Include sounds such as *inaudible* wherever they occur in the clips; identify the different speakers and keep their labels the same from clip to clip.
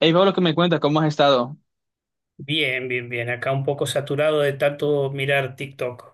Speaker 1: Hey Pablo, ¿qué me cuentas? ¿Cómo has estado?
Speaker 2: Bien, bien, bien. Acá un poco saturado de tanto mirar TikTok.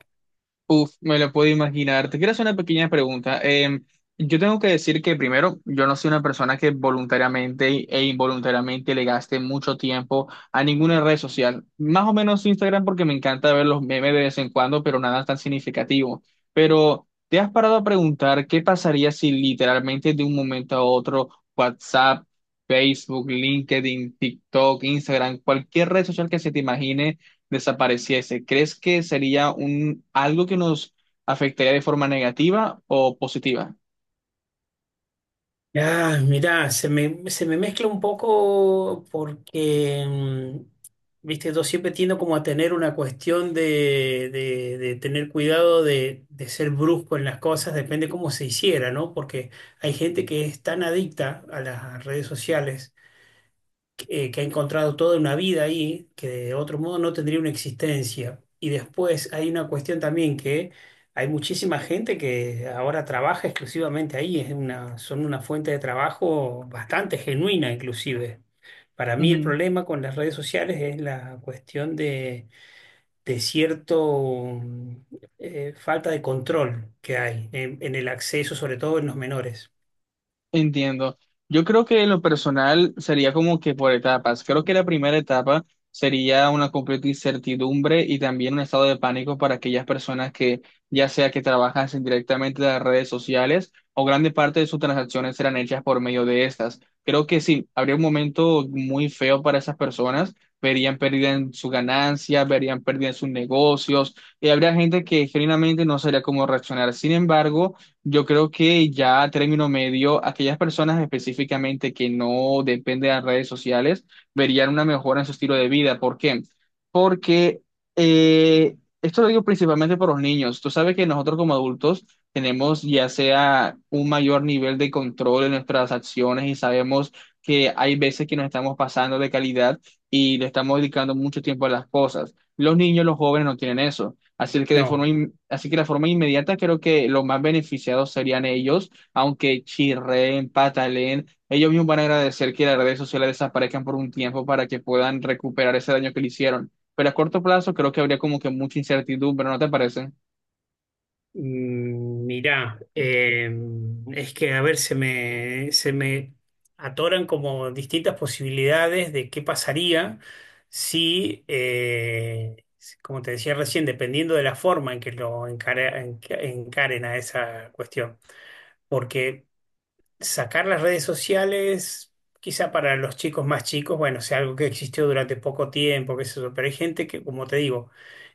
Speaker 1: Uf, me lo puedo imaginar. Te quiero hacer una pequeña pregunta. Yo tengo que decir que primero, yo no soy una persona que voluntariamente e involuntariamente le gaste mucho tiempo a ninguna red social. Más o menos Instagram porque me encanta ver los memes de vez en cuando, pero nada tan significativo. Pero, ¿te has parado a preguntar qué pasaría si literalmente de un momento a otro WhatsApp, Facebook, LinkedIn, TikTok, Instagram, cualquier red social que se te imagine desapareciese? ¿Crees que sería un algo que nos afectaría de forma negativa o positiva?
Speaker 2: Ah, mirá, se me mezcla un poco porque, viste, yo siempre tiendo como a tener una cuestión de tener cuidado de ser brusco en las cosas, depende cómo se hiciera, ¿no? Porque hay gente que es tan adicta a las redes sociales, que ha encontrado toda una vida ahí, que de otro modo no tendría una existencia. Y después hay una cuestión también que hay muchísima gente que ahora trabaja exclusivamente ahí, es una, son una fuente de trabajo bastante genuina inclusive. Para mí el problema con las redes sociales es la cuestión de cierto, mm, falta de control que hay en el acceso, sobre todo en los menores.
Speaker 1: Entiendo. Yo creo que en lo personal sería como que por etapas. Creo que la primera etapa sería una completa incertidumbre y también un estado de pánico para aquellas personas que, ya sea que trabajan directamente en las redes sociales o grande parte de sus transacciones serán hechas por medio de estas. Creo que sí, habría un momento muy feo para esas personas. Verían pérdida en su ganancia, verían pérdida en sus negocios y habría gente que genuinamente no sabría cómo reaccionar. Sin embargo, yo creo que ya a término medio, aquellas personas específicamente que no dependen de las redes sociales verían una mejora en su estilo de vida. ¿Por qué? Porque eh, esto lo digo principalmente por los niños. Tú sabes que nosotros como adultos tenemos ya sea un mayor nivel de control en nuestras acciones y sabemos que hay veces que nos estamos pasando de calidad y le estamos dedicando mucho tiempo a las cosas. Los niños, los jóvenes no tienen eso. Así que de forma,
Speaker 2: No.
Speaker 1: así que la forma inmediata creo que los más beneficiados serían ellos, aunque chirren, pataleen, ellos mismos van a agradecer que las redes sociales desaparezcan por un tiempo para que puedan recuperar ese daño que le hicieron. Pero a corto plazo creo que habría como que mucha incertidumbre, ¿no te parece?
Speaker 2: Mirá, es que a ver, se me atoran como distintas posibilidades de qué pasaría si, si, como te decía recién, dependiendo de la forma en que encaren a esa cuestión. Porque sacar las redes sociales, quizá para los chicos más chicos, bueno, sea algo que existió durante poco tiempo, qué sé yo, pero hay gente que, como te digo,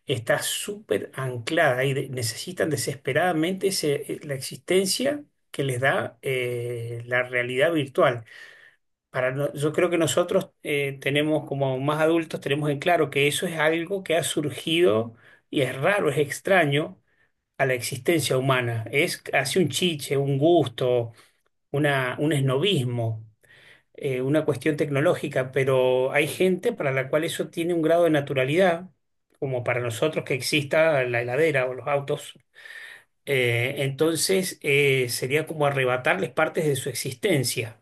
Speaker 2: está súper anclada y necesitan desesperadamente la existencia que les da la realidad virtual. Para no- Yo creo que nosotros tenemos, como más adultos, tenemos en claro que eso es algo que ha surgido y es raro, es extraño a la existencia humana. Es casi un chiche, un gusto, una, un esnobismo, una cuestión tecnológica, pero hay gente para la cual eso tiene un grado de naturalidad, como para nosotros que exista la heladera o los autos. Entonces, sería como arrebatarles partes de su existencia.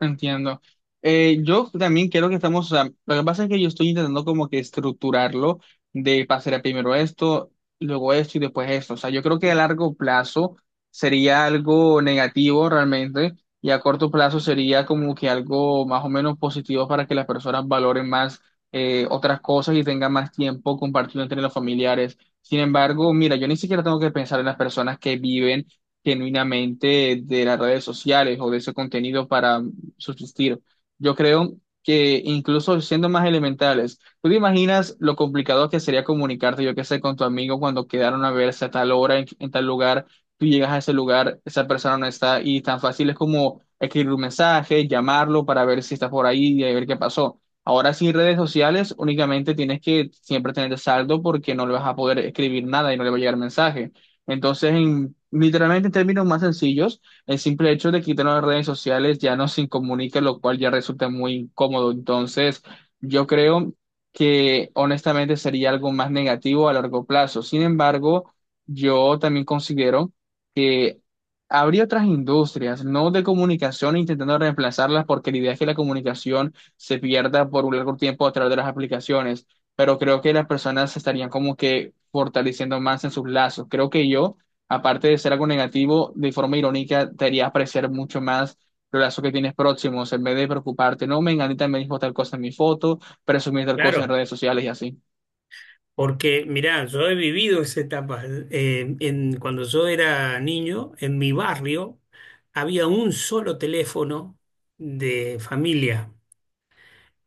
Speaker 1: Entiendo. Yo también creo que estamos, o sea, lo que pasa es que yo estoy intentando como que estructurarlo de pasar primero esto, luego esto y después esto. O sea, yo creo que a largo plazo sería algo negativo realmente y a corto plazo sería como que algo más o menos positivo para que las personas valoren más otras cosas y tengan más tiempo compartido entre los familiares. Sin embargo, mira, yo ni siquiera tengo que pensar en las personas que viven genuinamente de las redes sociales o de ese contenido para subsistir. Yo creo que incluso siendo más elementales, ¿tú te imaginas lo complicado que sería comunicarte, yo qué sé, con tu amigo cuando quedaron a verse a tal hora, en tal lugar, tú llegas a ese lugar, esa persona no está y tan fácil es como escribir un mensaje, llamarlo para ver si está por ahí y a ver qué pasó? Ahora sin redes sociales únicamente tienes que siempre tener saldo porque no le vas a poder escribir nada y no le va a llegar mensaje. Entonces, literalmente en términos más sencillos, el simple hecho de quitar las redes sociales ya nos incomunica, lo cual ya resulta muy incómodo. Entonces, yo creo que honestamente sería algo más negativo a largo plazo. Sin embargo, yo también considero que habría otras industrias, no de comunicación, intentando reemplazarlas, porque la idea es que la comunicación se pierda por un largo tiempo a través de las aplicaciones. Pero creo que las personas se estarían como que fortaleciendo más en sus lazos. Creo que yo, aparte de ser algo negativo, de forma irónica, te haría apreciar mucho más los lazos que tienes próximos, en vez de preocuparte, no, Menganita me dijo tal cosa en mi foto, presumir tal cosa en
Speaker 2: Claro,
Speaker 1: redes sociales y así.
Speaker 2: porque mirá, yo he vivido esa etapa. Cuando yo era niño, en mi barrio había un solo teléfono de familia.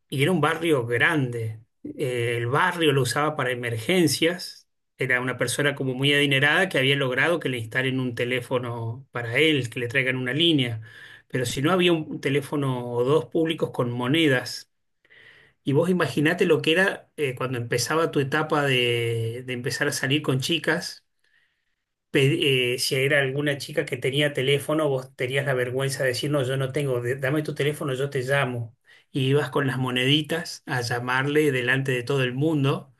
Speaker 2: Y era un barrio grande. El barrio lo usaba para emergencias. Era una persona como muy adinerada que había logrado que le instalen un teléfono para él, que le traigan una línea. Pero si no, había un teléfono o dos públicos con monedas. Y vos imaginate lo que era cuando empezaba tu etapa de empezar a salir con chicas, si era alguna chica que tenía teléfono, vos tenías la vergüenza de decir, no, yo no tengo, dame tu teléfono, yo te llamo. Y ibas con las moneditas a llamarle delante de todo el mundo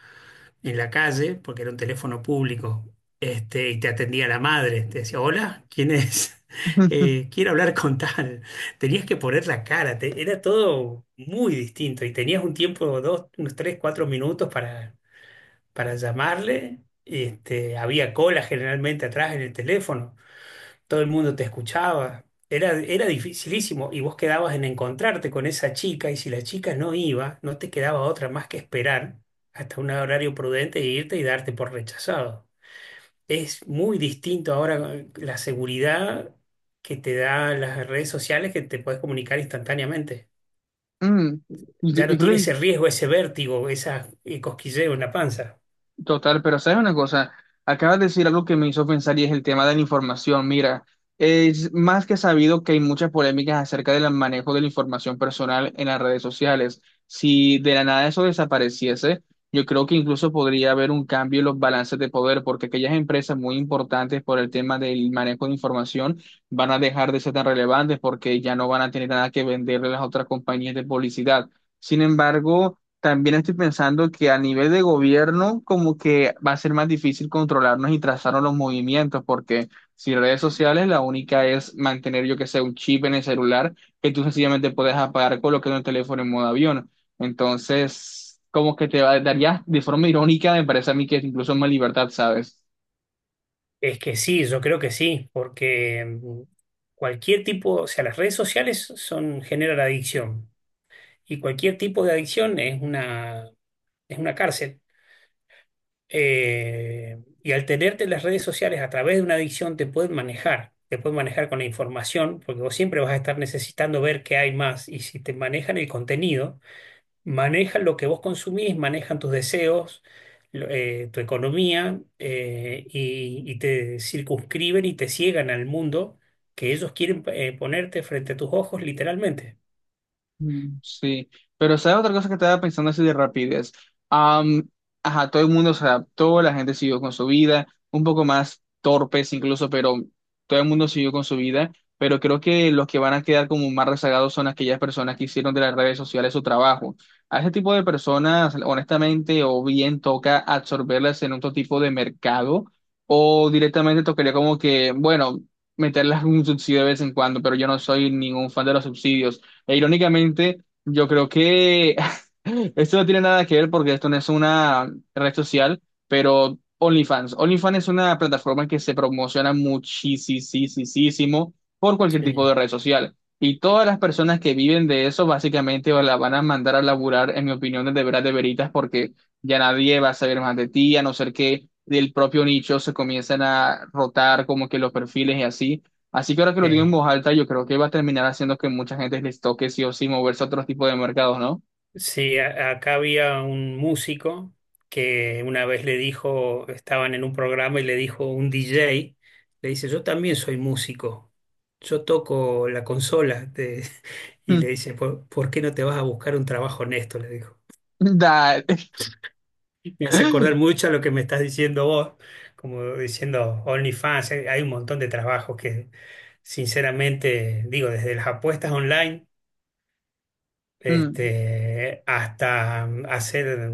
Speaker 2: en la calle, porque era un teléfono público. Este, y te atendía la madre, te decía, hola, ¿quién es? *laughs*
Speaker 1: *laughs*
Speaker 2: Quiero hablar con tal. Tenías que poner la cara, era todo muy distinto y tenías un tiempo, dos, unos tres, cuatro minutos para llamarle. Este, había cola generalmente atrás en el teléfono, todo el mundo te escuchaba. Era dificilísimo y vos quedabas en encontrarte con esa chica y si la chica no iba, no te quedaba otra más que esperar hasta un horario prudente e irte y darte por rechazado. Es muy distinto ahora, la seguridad que te da las redes sociales, que te puedes comunicar instantáneamente.
Speaker 1: Mm,
Speaker 2: Ya
Speaker 1: y
Speaker 2: no
Speaker 1: creo
Speaker 2: tiene
Speaker 1: que
Speaker 2: ese riesgo, ese vértigo, esa, cosquilleo en la panza.
Speaker 1: total, pero sabes una cosa, acabas de decir algo que me hizo pensar y es el tema de la información. Mira, es más que sabido que hay muchas polémicas acerca del manejo de la información personal en las redes sociales. Si de la nada eso desapareciese, yo creo que incluso podría haber un cambio en los balances de poder, porque aquellas empresas muy importantes por el tema del manejo de información van a dejar de ser tan relevantes porque ya no van a tener nada que venderle a las otras compañías de publicidad. Sin embargo, también estoy pensando que a nivel de gobierno como que va a ser más difícil controlarnos y trazarnos los movimientos, porque si redes sociales la única es mantener yo que sé un chip en el celular que tú sencillamente puedes apagar colocando el teléfono en modo avión. Entonces, como que daría de forma irónica, me parece a mí que es incluso más libertad, ¿sabes?
Speaker 2: Es que sí, yo creo que sí, porque, cualquier tipo, o sea, las redes sociales son, generan adicción y cualquier tipo de adicción es una cárcel. Y al tenerte las redes sociales a través de una adicción te pueden manejar con la información, porque vos siempre vas a estar necesitando ver qué hay más, y si te manejan el contenido, manejan lo que vos consumís, manejan tus deseos, tu economía, y te circunscriben y te ciegan al mundo que ellos quieren, ponerte frente a tus ojos literalmente.
Speaker 1: Sí, pero ¿sabes otra cosa que estaba pensando así de rapidez? Am, ajá, todo el mundo se adaptó, la gente siguió con su vida, un poco más torpes incluso, pero todo el mundo siguió con su vida, pero creo que los que van a quedar como más rezagados son aquellas personas que hicieron de las redes sociales su trabajo. A ese tipo de personas, honestamente, o bien toca absorberlas en otro tipo de mercado, o directamente tocaría como que, bueno, meterlas en un subsidio de vez en cuando, pero yo no soy ningún fan de los subsidios. E irónicamente, yo creo que *laughs* esto no tiene nada que ver porque esto no es una red social, pero OnlyFans. OnlyFans es una plataforma que se promociona muchísimo por cualquier tipo de
Speaker 2: Sí.
Speaker 1: red social. Y todas las personas que viven de eso, básicamente la van a mandar a laburar, en mi opinión, desde veras de veritas, porque ya nadie va a saber más de ti, a no ser que del propio nicho se comiencen a rotar como que los perfiles y así. Así que ahora que lo digo en
Speaker 2: Eh,
Speaker 1: voz alta, yo creo que va a terminar haciendo que mucha gente les toque sí o sí moverse a otro tipo de mercados, ¿no?
Speaker 2: Acá había un músico que una vez le dijo, estaban en un programa y le dijo un DJ, le dice, yo también soy músico, yo toco la consola, *laughs* y le
Speaker 1: Mm.
Speaker 2: dice, ¿por qué no te vas a buscar un trabajo honesto? Le dijo.
Speaker 1: Dale.
Speaker 2: Me hace acordar
Speaker 1: *laughs*
Speaker 2: mucho a lo que me estás diciendo vos, como diciendo OnlyFans, hay un montón de trabajos que, sinceramente, digo, desde las apuestas online,
Speaker 1: Mm.
Speaker 2: este, hasta hacer,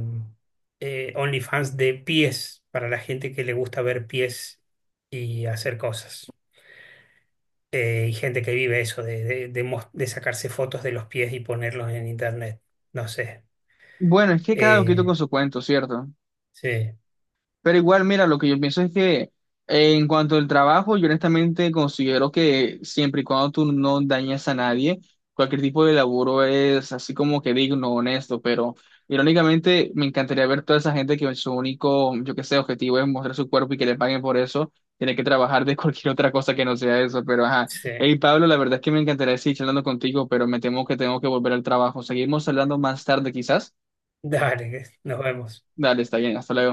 Speaker 2: OnlyFans de pies para la gente que le gusta ver pies y hacer cosas. Y gente que vive eso, de sacarse fotos de los pies y ponerlos en internet. No sé.
Speaker 1: Bueno, es que cada loquito con
Speaker 2: Eh,
Speaker 1: su cuento, ¿cierto?
Speaker 2: sí,
Speaker 1: Pero igual, mira, lo que yo pienso es que en cuanto al trabajo, yo honestamente considero que siempre y cuando tú no dañas a nadie, cualquier tipo de laburo es así como que digno, honesto, pero irónicamente me encantaría ver toda esa gente que su único, yo qué sé, objetivo es mostrar su cuerpo y que le paguen por eso, tiene que trabajar de *laughs* cualquier otra cosa que no sea eso, pero ajá.
Speaker 2: sí.
Speaker 1: Hey Pablo, la verdad es que me encantaría seguir charlando contigo, pero me temo que tengo que volver al trabajo. Seguimos hablando más tarde quizás.
Speaker 2: Dale, nos vemos.
Speaker 1: Dale, está bien, hasta luego.